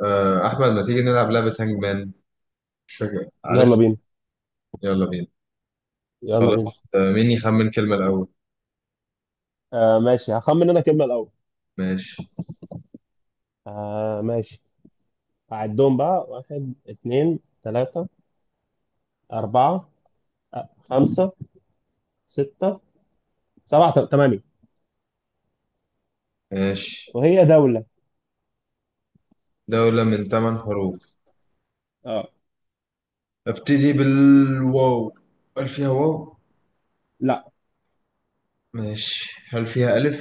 أحمد، ما تيجي نلعب لعبة هانج مان؟ مش فاكر. يلا عارف، بينا. يلا بينا. يلا بينا. خلاص. مين يخمن كلمة الأول؟ ماشي، هخمن انا كلمة الأول. ماشي، ماشي. هعدهم بقى واحد، اتنين، تلاتة، أربعة، خمسة، ستة، سبعة، تمانية. ماشي. وهي دولة. دولة من ثمان حروف. اه. أبتدي بالواو. هل فيها واو؟ لا. ماشي. هل فيها ألف؟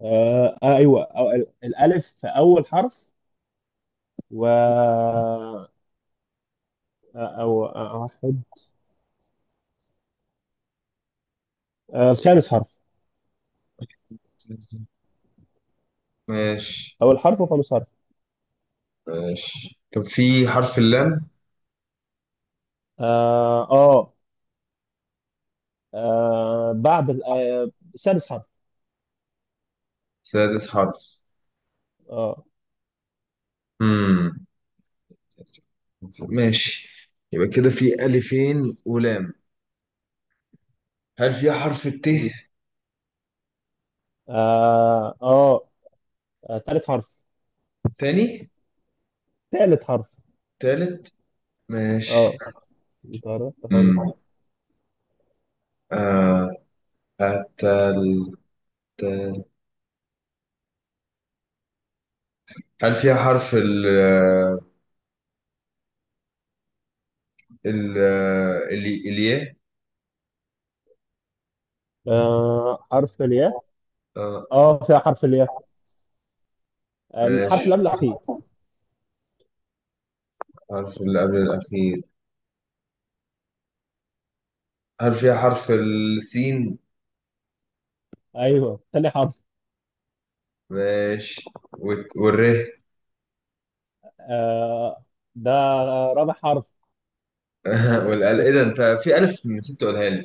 أيوه، أو الألف في أول حرف. و أو واحد الخامس حرف. ماشي، أول حرف وخامس حرف. ماشي. كان في حرف اللام. آه آه, بعد سادس حرف. سادس حرف. آه. مم. ماشي. يبقى كده في ألفين ولام. هل فيها حرف الت؟ مم. آه آه تالت حرف. تاني؟ ثالث حرف. تالت؟ ماشي. اه، انت عرفت خالص. مم. آه، التل. تل. هل فيها حرف ال الياء؟ آه، حرف الياء. آه، اه، فيها حرف الياء، الحرف ماشي. اللي قبل الاخير. حرف اللي قبل الأخير. هل فيها حرف السين؟ ايوه، ثاني حرف. ماشي. والر. آه. ده رابع حرف. والال، إيه ده؟ أنت في ألف نسيت تقولها لي.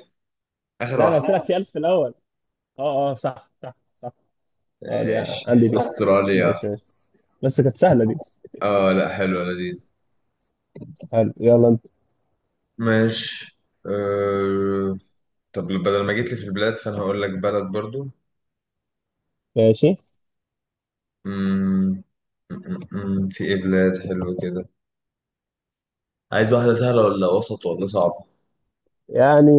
آخر لا، انا قلت لك واحدة. في الف في الاول. اه اه، صح صح صح. اه، دي، ماشي. عندي دي. أستراليا. ماشي ماشي. بس كانت سهله دي. آه لا، حلوة، لذيذ. حلو، يلا انت. ماشي. أه... طب بدل ما جيت لي في البلاد، فأنا هقول لك بلد برضو. ماشي. مم... في إيه بلاد حلوة كده؟ عايز واحدة سهلة ولا وسط ولا صعبة؟ يعني،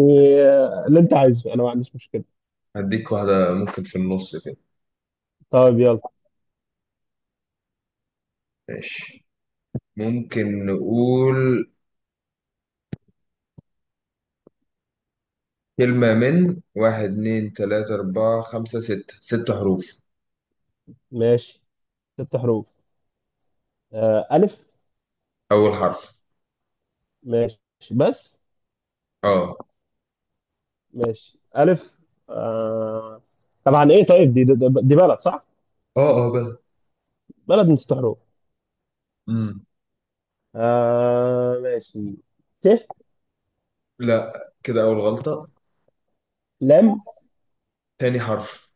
اللي انت عايزه انا ما عنديش مشكله. هديك واحدة ممكن في النص كده. طيب، يلا. ماشي. ممكن نقول كلمة من واحد اتنين تلاتة أربعة خمسة ستة. ست حروف. ماشي. ست حروف. آه، الف. أول حرف. ماشي. بس اه، ماشي. ألف. آه... طبعا إيه. طيب، دي بلد صح؟ اه، اه، بقى. بلد من ست حروف. مم. ماشي. ت. لا، كده أول غلطة. لام. تاني حرف.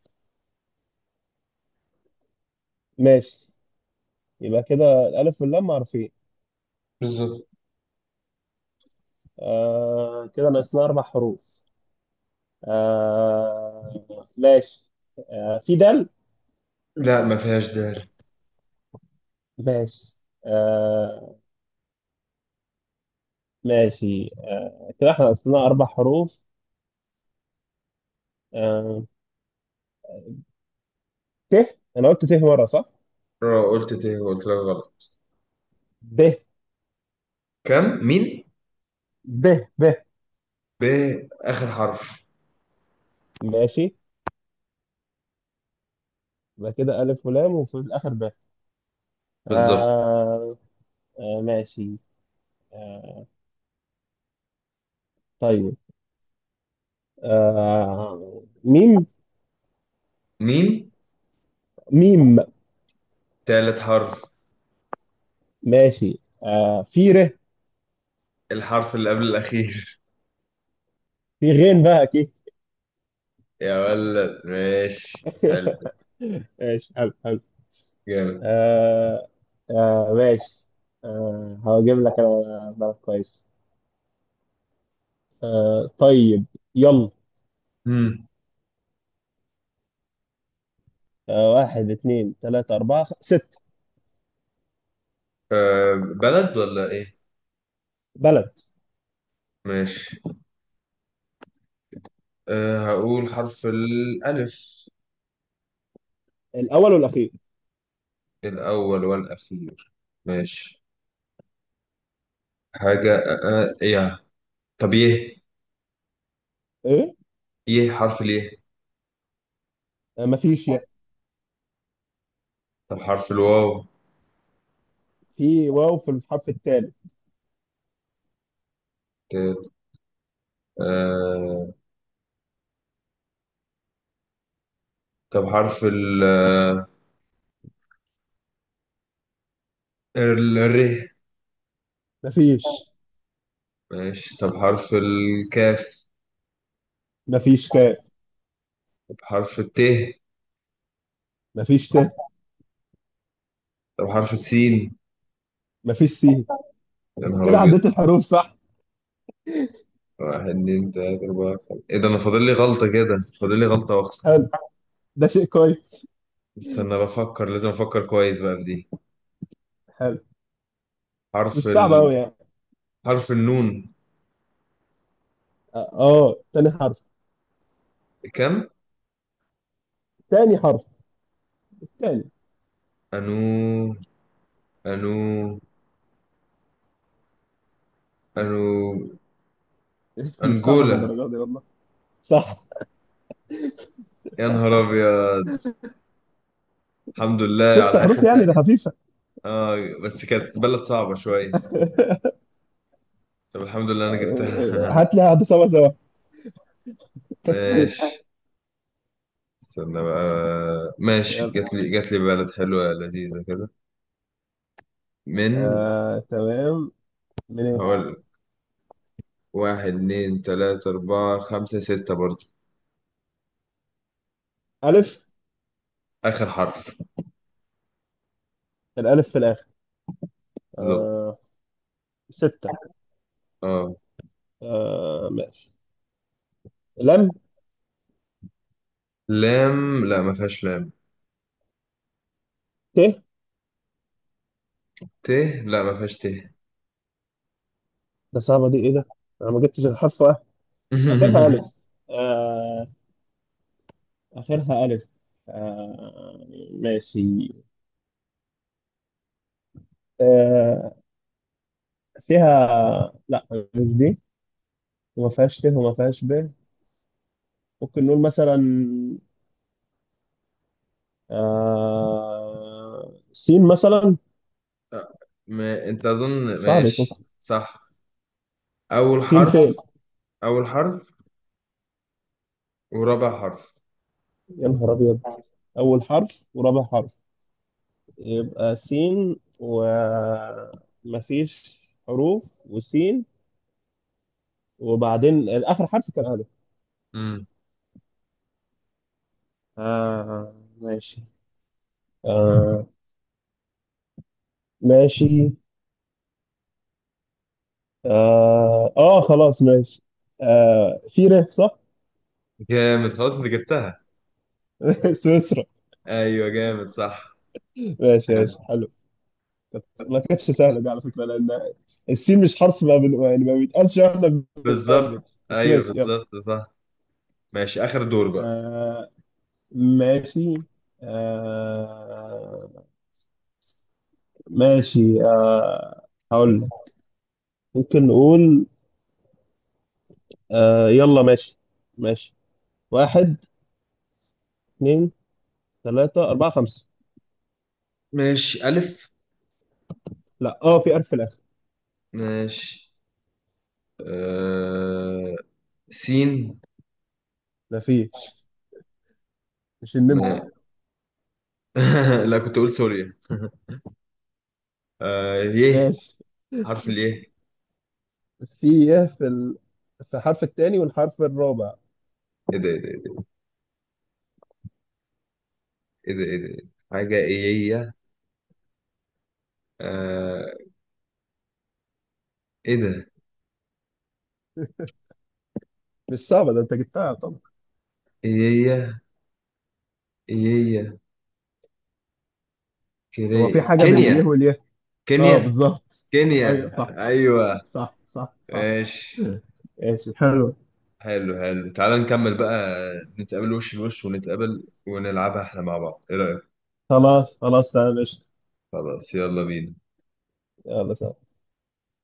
ماشي، يبقى كده الألف واللام معروفين. بالظبط. كده ناقصنا أربع حروف. ماشي. في دال. لا، ما فيهاش دال. ماشي. ماشي. كده إحنا ناقصنا أربع حروف. آه... ت. أنا قلت ت مرة صح؟ قلت تاني، قلت لك غلط. ب. كم؟ مين؟ ب. ب. ب. آخر حرف. ماشي. يبقى كده ألف ولام وفي الآخر ب. بالظبط. آه آه. ماشي. آه طيب. آه، ميم. مين؟ ميم. تالت حرف. ماشي. في ر. الحرف اللي قبل الأخير. في غين بقى أكيد. يا ولد، ماشي حلو. ماشي. حلو حلو. جامد. آه آه. ماشي. هجيب لك أنا بلد كويس. آه، طيب. يلا. امم آه، واحد، اثنين، ثلاثة، أربعة، ست. أه، بلد ولا ايه؟ بلد. ماشي. هقول حرف الألف. الأول والأخير. الأول والأخير. ماشي. حاجة أه أه يا. طب يه؟ إيه؟ يه، حرف اليه. آه، مفيش يعني. طب حرف الواو. في واو في الحرف الثالث. ت- أه. طب حرف ال الر. مفيش. ماشي. طب حرف الكاف. مفيش كاف. طب حرف الت. مفيش ت. طب حرف السين. مفيش سين. يا انت نهار كده أبيض. عديت الحروف صح. واحد، اتنين، تلاتة، أربعة، خمسة. إيه ده؟ أنا فاضل لي غلطة كده، فاضل لي غلطة وأخسر. حلو. ده شيء كويس. استنى بفكر، لازم افكر كويس بقى في دي. حلو. بس مش حرف صعب ال... قوي يعني. حرف النون. اه، تاني حرف. كم؟ تاني حرف. تاني. انو، انو، انو. مش صعبة انجولا. للدرجة دي والله. صح. يا نهار ابيض. الحمد لله ست على حروف اخر يعني، ده ثانية. خفيفة. اه. بس كانت بلد صعبة شوية. طب الحمد لله انا جبتها. هات لي هات سوا سوا. ماشي. استنى بقى. ماشي. يلا. جات لي، جات لي بلد حلوة لذيذة كده. من، آه، تمام. من ايه. هقول. واحد، اتنين، تلاتة، أربعة، خمسة، ستة برضو. ألف. آخر حرف. الألف في الآخر. بالظبط. آه، ستة. اه. ماشي. لم. لام؟ لا، ما فيهاش لام. ت. ت؟ لا، ما فيهاش ت. ده صعبة دي، ايه ده. انا ما جبتش الحرف واحد، اخرها ألف. آه، اخرها ألف. ماشي. آه، فيها لا، مش دي. وما فيهاش ت وما فيهاش ب. ممكن نقول مثلا سين مثلا. أه. ما... انت اظن. صعب يكون. ماشي. صح. اول سين حرف. فين. اول حرف ورابع حرف. يا نهار ابيض. اول حرف ورابع حرف. يبقى سين ومفيش حروف وسين. وبعدين اخر حرف كان الف. أمم. آه ماشي. آه ماشي. خلاص ماشي. في ر صح؟ جامد، خلاص انت جبتها. سويسرا. ايوه، جامد. صح. ماشي ماشي حلو. حلو. ما كانتش سهله دي على فكره، لان السين مش حرف ما يعني ما بيتقالش واحنا بنعمل. بالظبط، بس ايوه ماشي يلا. بالظبط. صح. ماشي. اخر دور بقى. آه ماشي. آه ماشي. هقول لك. ممكن نقول. يلا ماشي. ماشي. واحد، اثنين، ثلاثة، أربعة، خمسة. ماشي. الف. لا، اه، في ألف في الآخر. ماشي. آه... سين. ما فيش. مش النمسا ما... لا. لا، كنت اقول سوريا. يه. ماشي. حرف اليه. في إيه، في الحرف الثاني والحرف الرابع. ايه ده؟ ايه ده؟ ايه ده؟ ايه ده؟ إيه ده؟ حاجه ايه؟ آه... ايه ده؟ مش صعبة، ده أنت جبتها طبعا. ايه؟ ايه؟ هو كري. في أسامي. حاجة بين اليه كينيا. واليه. اه، كينيا. بالظبط. ايوه كينيا. صح ايوه. صح صح صح. ماشي. ايش حلو. حلو، حلو. تعال نكمل بقى. نتقابل وش لوش، ونتقابل ونلعبها احنا مع بعض، ايه رأيك؟ خلاص خلاص تمام قشطة. خلاص. يلا بينا. يلا سلام.